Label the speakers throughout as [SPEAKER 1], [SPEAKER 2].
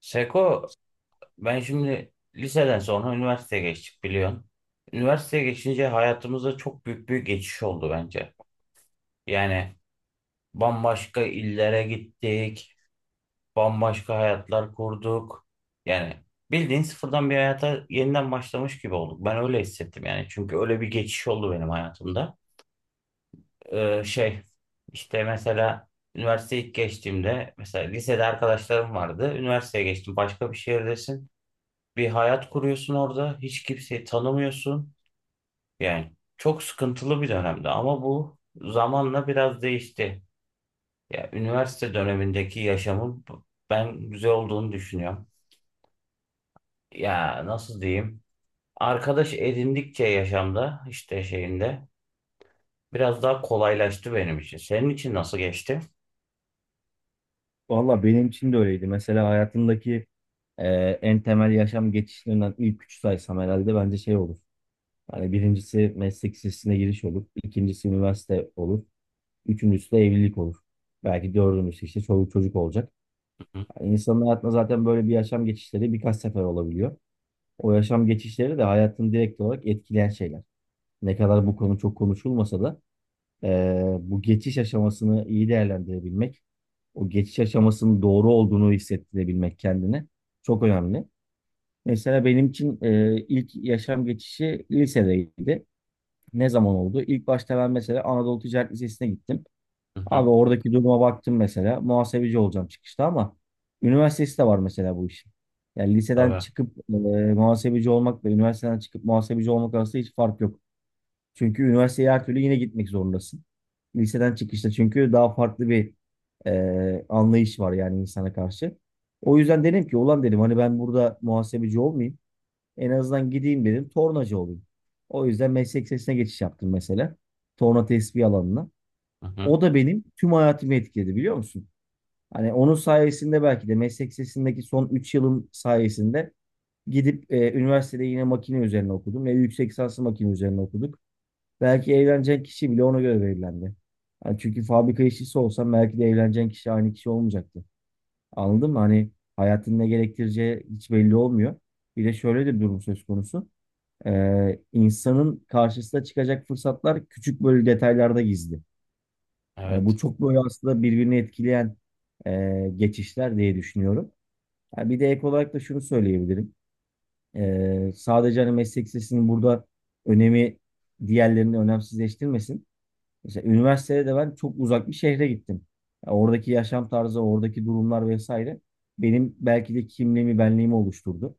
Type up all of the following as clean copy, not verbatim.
[SPEAKER 1] Seko, ben şimdi liseden sonra üniversiteye geçtik biliyorsun. Üniversiteye geçince hayatımızda çok büyük bir geçiş oldu bence. Yani bambaşka illere gittik, bambaşka hayatlar kurduk. Yani bildiğin sıfırdan bir hayata yeniden başlamış gibi olduk. Ben öyle hissettim yani. Çünkü öyle bir geçiş oldu benim hayatımda. Ee, şey, işte mesela üniversiteye ilk geçtiğimde, mesela lisede arkadaşlarım vardı. Üniversiteye geçtim, başka bir şehirdesin. Bir hayat kuruyorsun orada. Hiç kimseyi tanımıyorsun. Yani çok sıkıntılı bir dönemdi ama bu zamanla biraz değişti. Ya üniversite dönemindeki yaşamım ben güzel olduğunu düşünüyorum. Ya nasıl diyeyim? Arkadaş edindikçe yaşamda işte şeyinde biraz daha kolaylaştı benim için. Senin için nasıl geçti?
[SPEAKER 2] Valla benim için de öyleydi. Mesela hayatımdaki e, en temel yaşam geçişlerinden ilk üç saysam herhalde bence şey olur. Yani birincisi meslek lisesine giriş olur. ikincisi üniversite olur. Üçüncüsü de evlilik olur. Belki dördüncüsü işte çoluk çocuk olacak.
[SPEAKER 1] Hı hı.
[SPEAKER 2] Yani insanın hayatında zaten böyle bir yaşam geçişleri birkaç sefer olabiliyor. O yaşam geçişleri de hayatını direkt olarak etkileyen şeyler. Ne kadar bu konu çok konuşulmasa da bu geçiş aşamasını iyi değerlendirebilmek, o geçiş aşamasının doğru olduğunu hissettirebilmek kendine çok önemli. Mesela benim için ilk yaşam geçişi lisedeydi. Ne zaman oldu? İlk başta ben mesela Anadolu Ticaret Lisesi'ne gittim.
[SPEAKER 1] Hı hı.
[SPEAKER 2] Abi oradaki duruma baktım mesela. Muhasebeci olacağım çıkışta ama üniversitesi de var mesela bu işin. Yani liseden
[SPEAKER 1] Tabii.
[SPEAKER 2] çıkıp muhasebeci olmak ve üniversiteden çıkıp muhasebeci olmak arasında hiç fark yok. Çünkü üniversiteye her türlü yine gitmek zorundasın. Liseden çıkışta çünkü daha farklı bir anlayış var yani insana karşı. O yüzden dedim ki ulan dedim hani ben burada muhasebeci olmayayım. En azından gideyim dedim tornacı olayım. O yüzden meslek sesine geçiş yaptım mesela. Torna tespih alanına.
[SPEAKER 1] Hı hı.
[SPEAKER 2] O da benim tüm hayatımı etkiledi biliyor musun? Hani onun sayesinde belki de meslek sesindeki son 3 yılım sayesinde gidip üniversitede yine makine üzerine okudum ve yüksek lisanslı makine üzerine okuduk. Belki evlenecek kişi bile ona göre belirlendi. Yani çünkü fabrika işçisi olsan belki de evleneceğin kişi aynı kişi olmayacaktı. Anladın mı? Hani hayatın ne gerektireceği hiç belli olmuyor. Bir de şöyle de bir durum söz konusu. İnsanın karşısına çıkacak fırsatlar küçük böyle detaylarda gizli. Hani bu
[SPEAKER 1] Evet.
[SPEAKER 2] çok böyle aslında birbirini etkileyen geçişler diye düşünüyorum. Ha, bir de ek olarak da şunu söyleyebilirim. Sadece hani meslek sesinin burada önemi diğerlerini önemsizleştirmesin. Mesela üniversitede de ben çok uzak bir şehre gittim. Ya oradaki yaşam tarzı, oradaki durumlar vesaire benim belki de kimliğimi, benliğimi oluşturdu.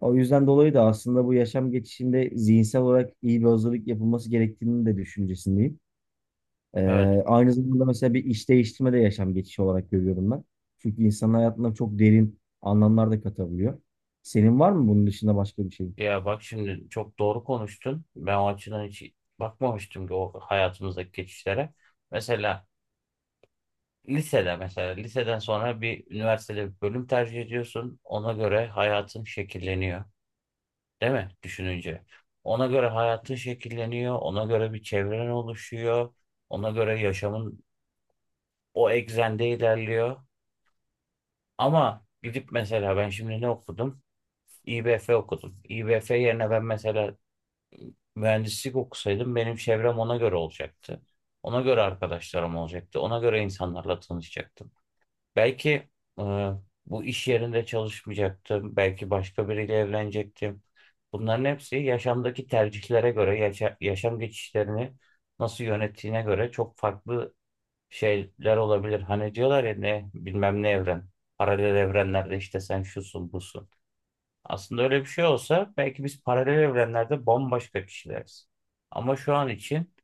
[SPEAKER 2] O yüzden dolayı da aslında bu yaşam geçişinde zihinsel olarak iyi bir hazırlık yapılması gerektiğini de düşüncesindeyim. Ee,
[SPEAKER 1] Evet.
[SPEAKER 2] Aynı zamanda mesela bir iş değiştirme de yaşam geçişi olarak görüyorum ben. Çünkü insanın hayatına çok derin anlamlar da katabiliyor. Senin var mı bunun dışında başka bir şey?
[SPEAKER 1] Ya bak şimdi çok doğru konuştun. Ben o açıdan hiç bakmamıştım ki o hayatımızdaki geçişlere. Mesela lisede mesela liseden sonra bir üniversitede bir bölüm tercih ediyorsun. Ona göre hayatın şekilleniyor. Değil mi? Düşününce. Ona göre hayatın şekilleniyor. Ona göre bir çevren oluşuyor. Ona göre yaşamın o eksende ilerliyor. Ama gidip mesela ben şimdi ne okudum? İBF okudum. İBF yerine ben mesela mühendislik okusaydım benim çevrem ona göre olacaktı. Ona göre arkadaşlarım olacaktı. Ona göre insanlarla tanışacaktım. Belki e, bu iş yerinde çalışmayacaktım. Belki başka biriyle evlenecektim. Bunların hepsi yaşamdaki tercihlere göre, yaşam geçişlerini nasıl yönettiğine göre çok farklı şeyler olabilir. Hani diyorlar ya ne bilmem ne evren. Paralel evrenlerde işte sen şusun busun. Aslında öyle bir şey olsa belki biz paralel evrenlerde bambaşka kişileriz. Ama şu an için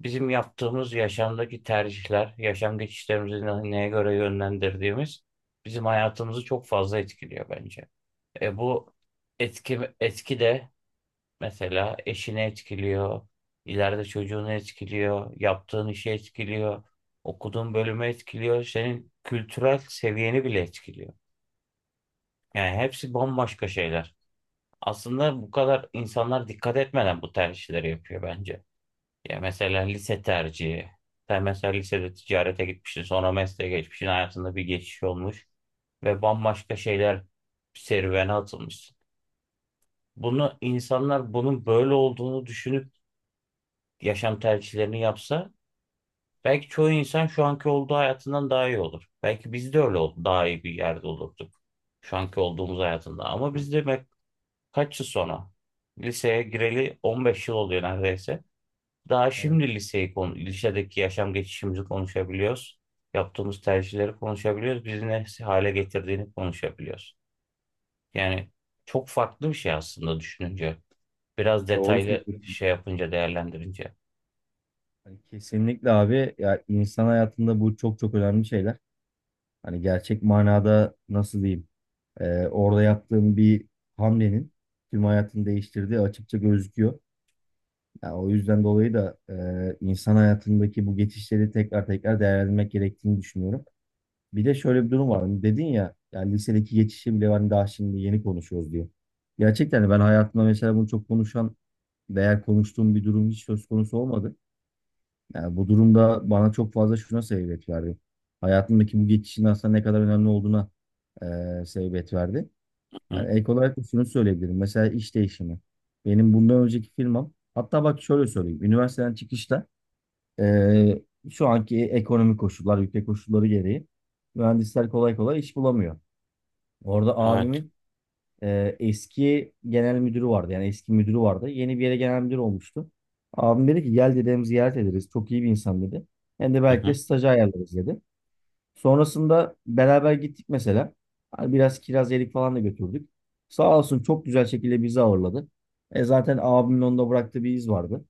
[SPEAKER 1] bizim yaptığımız yaşamdaki tercihler, yaşam geçişlerimizi neye göre yönlendirdiğimiz bizim hayatımızı çok fazla etkiliyor bence. E bu etki de mesela eşini etkiliyor, ileride çocuğunu etkiliyor, yaptığın işi etkiliyor, okuduğun bölümü etkiliyor, senin kültürel seviyeni bile etkiliyor. Yani hepsi bambaşka şeyler. Aslında bu kadar insanlar dikkat etmeden bu tercihleri yapıyor bence. Ya mesela lise tercihi. Sen mesela lisede ticarete gitmişsin, sonra mesleğe geçmişsin, hayatında bir geçiş olmuş ve bambaşka şeyler serüvene atılmışsın. Bunu insanlar bunun böyle olduğunu düşünüp yaşam tercihlerini yapsa belki çoğu insan şu anki olduğu hayatından daha iyi olur. Belki biz de daha iyi bir yerde olurduk şu anki olduğumuz hayatında. Ama biz de kaç yıl sonra? Liseye gireli 15 yıl oluyor neredeyse. Daha
[SPEAKER 2] Evet.
[SPEAKER 1] şimdi liseyi konu, lisedeki yaşam geçişimizi konuşabiliyoruz. Yaptığımız tercihleri konuşabiliyoruz. Bizi ne hale getirdiğini konuşabiliyoruz. Yani çok farklı bir şey aslında düşününce. Biraz
[SPEAKER 2] Doğru
[SPEAKER 1] detaylı
[SPEAKER 2] söylüyorsun.
[SPEAKER 1] şey yapınca, değerlendirince.
[SPEAKER 2] Hani kesinlikle abi ya insan hayatında bu çok çok önemli şeyler. Hani gerçek manada nasıl diyeyim? Orada yaptığım bir hamlenin tüm hayatını değiştirdiği açıkça gözüküyor. Yani o yüzden dolayı da insan hayatındaki bu geçişleri tekrar tekrar değerlendirmek gerektiğini düşünüyorum. Bir de şöyle bir durum var. Hani dedin ya, yani lisedeki geçişi bile hani daha şimdi yeni konuşuyoruz diye. Gerçekten de ben hayatımda mesela bunu çok konuşan veya konuştuğum bir durum hiç söz konusu olmadı. Yani bu durumda bana çok fazla şuna sebebiyet verdi. Hayatımdaki bu geçişin aslında ne kadar önemli olduğuna sebebiyet verdi.
[SPEAKER 1] Hı?
[SPEAKER 2] Yani ek olarak da şunu söyleyebilirim. Mesela iş değişimi. Benim bundan önceki firmam, hatta bak şöyle söyleyeyim. Üniversiteden çıkışta eee, şu anki ekonomik koşullar, ülke koşulları gereği mühendisler kolay kolay iş bulamıyor. Orada
[SPEAKER 1] Evet.
[SPEAKER 2] abimin eski genel müdürü vardı. Yani eski müdürü vardı. Yeni bir yere genel müdür olmuştu. Abim dedi ki gel dedem ziyaret ederiz. Çok iyi bir insan dedi. Hem de
[SPEAKER 1] Hı
[SPEAKER 2] belki de
[SPEAKER 1] hı.
[SPEAKER 2] stajı ayarlarız dedi. Sonrasında beraber gittik mesela. Hani biraz kiraz yedik falan da götürdük. Sağ olsun çok güzel şekilde bizi ağırladı. E zaten abimin onda bıraktığı bir iz vardı.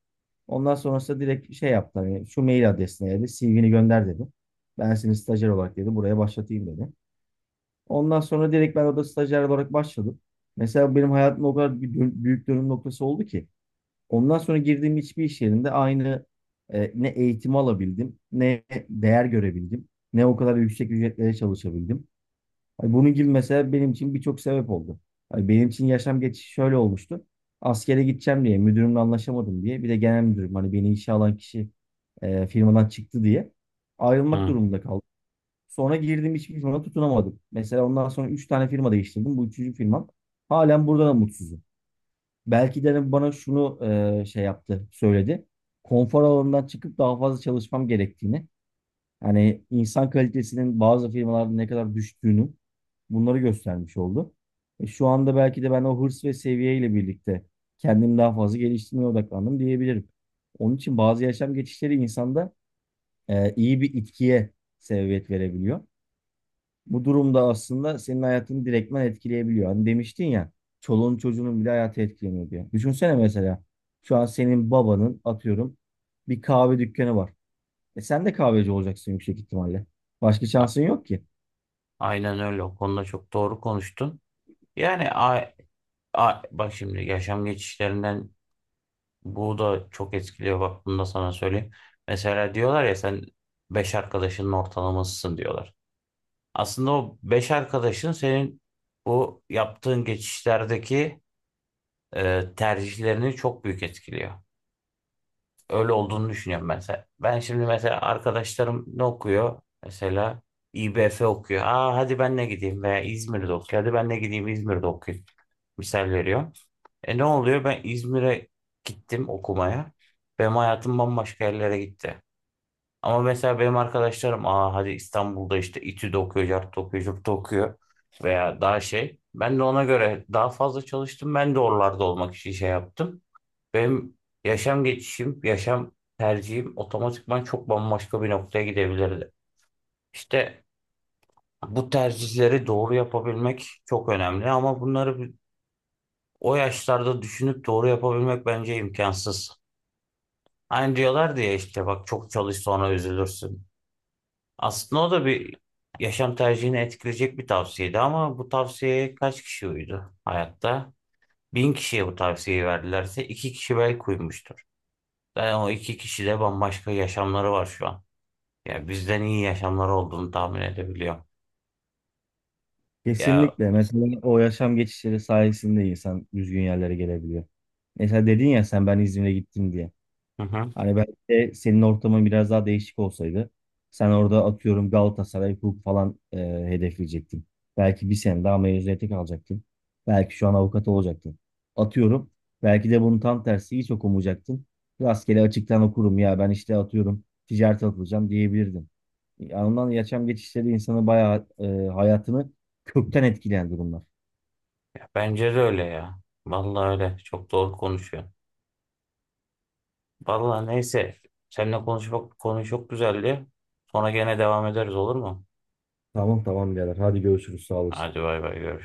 [SPEAKER 2] Ondan sonrasında direkt şey yaptı. Hani şu mail adresine dedi. CV'ni gönder dedi. Ben seni stajyer olarak dedi. Buraya başlatayım dedi. Ondan sonra direkt ben orada stajyer olarak başladım. Mesela benim hayatımda o kadar bir büyük dönüm noktası oldu ki. Ondan sonra girdiğim hiçbir iş yerinde aynı ne eğitim alabildim, ne değer görebildim, ne o kadar yüksek ücretlere çalışabildim. Hani bunun gibi mesela benim için birçok sebep oldu. Hani benim için yaşam geçişi şöyle olmuştu. Askere gideceğim diye, müdürümle anlaşamadım diye. Bir de genel müdürüm hani beni işe alan kişi firmadan çıktı diye ayrılmak
[SPEAKER 1] Hı.
[SPEAKER 2] durumunda kaldım. Sonra girdim hiçbir firma tutunamadım. Mesela ondan sonra 3 tane firma değiştirdim. Bu üçüncü firmam. Halen burada da mutsuzum. Belki de hani bana şunu şey yaptı, söyledi. Konfor alanından çıkıp daha fazla çalışmam gerektiğini. Hani insan kalitesinin bazı firmalarda ne kadar düştüğünü bunları göstermiş oldu. Şu anda belki de ben o hırs ve seviyeyle birlikte kendimi daha fazla geliştirmeye odaklandım diyebilirim. Onun için bazı yaşam geçişleri insanda iyi bir itkiye sebebiyet verebiliyor. Bu durumda aslında senin hayatını direktmen etkileyebiliyor. Hani demiştin ya çoluğun çocuğunun bile hayatı etkileniyor diye. Düşünsene mesela şu an senin babanın atıyorum bir kahve dükkanı var. E sen de kahveci olacaksın yüksek ihtimalle. Başka
[SPEAKER 1] A-
[SPEAKER 2] şansın yok ki.
[SPEAKER 1] Aynen öyle. O konuda çok doğru konuştun. Yani bak şimdi yaşam geçişlerinden bu da çok etkiliyor, bak bunu da sana söyleyeyim. Mesela diyorlar ya sen 5 arkadaşının ortalamasısın diyorlar. Aslında o 5 arkadaşın senin bu yaptığın geçişlerdeki tercihlerini çok büyük etkiliyor. Öyle olduğunu düşünüyorum ben. Ben şimdi mesela arkadaşlarım ne okuyor? Mesela İBF okuyor. Aa hadi ben ne gideyim veya İzmir'de okuyor. Hadi ben ne gideyim İzmir'de okuyayım. Misal veriyorum. E ne oluyor? Ben İzmir'e gittim okumaya. Benim hayatım bambaşka yerlere gitti. Ama mesela benim arkadaşlarım aa hadi İstanbul'da işte İTÜ'de okuyor, CERT'te okuyor, CURT'ta okuyor veya daha şey. Ben de ona göre daha fazla çalıştım. Ben de oralarda olmak için şey yaptım. Benim yaşam geçişim, yaşam tercihim otomatikman çok bambaşka bir noktaya gidebilirdi. İşte bu tercihleri doğru yapabilmek çok önemli ama o yaşlarda düşünüp doğru yapabilmek bence imkansız. Aynı diyorlar diye işte bak çok çalış sonra üzülürsün. Aslında o da bir yaşam tercihini etkileyecek bir tavsiyeydi ama bu tavsiyeye kaç kişi uydu hayatta? Bin kişiye bu tavsiyeyi verdilerse iki kişi belki uymuştur. Yani o iki kişi de bambaşka yaşamları var şu an. Ya bizden iyi yaşamları olduğunu tahmin edebiliyorum. Ya,
[SPEAKER 2] Kesinlikle. Mesela o yaşam geçişleri sayesinde insan düzgün yerlere gelebiliyor. Mesela dedin ya sen ben İzmir'e gittim diye.
[SPEAKER 1] hı hı.
[SPEAKER 2] Hani belki de senin ortamın biraz daha değişik olsaydı sen orada atıyorum Galatasaray hukuk falan hedefleyecektin. Belki bir sene daha mezuniyete kalacaktın. Belki şu an avukat olacaktın. Atıyorum. Belki de bunun tam tersi hiç okumayacaktın. Rastgele açıktan okurum ya ben işte atıyorum ticarete atılacağım diyebilirdin. Anından yaşam geçişleri insanı bayağı hayatını kökten etkileyen durumlar.
[SPEAKER 1] Ya bence de öyle ya. Vallahi öyle. Çok doğru konuşuyor. Vallahi neyse. Seninle konuşmak konu çok güzeldi. Sonra gene devam ederiz, olur mu?
[SPEAKER 2] Tamam, tamam, birader hadi görüşürüz sağ olasın.
[SPEAKER 1] Hadi bay bay, görüşürüz.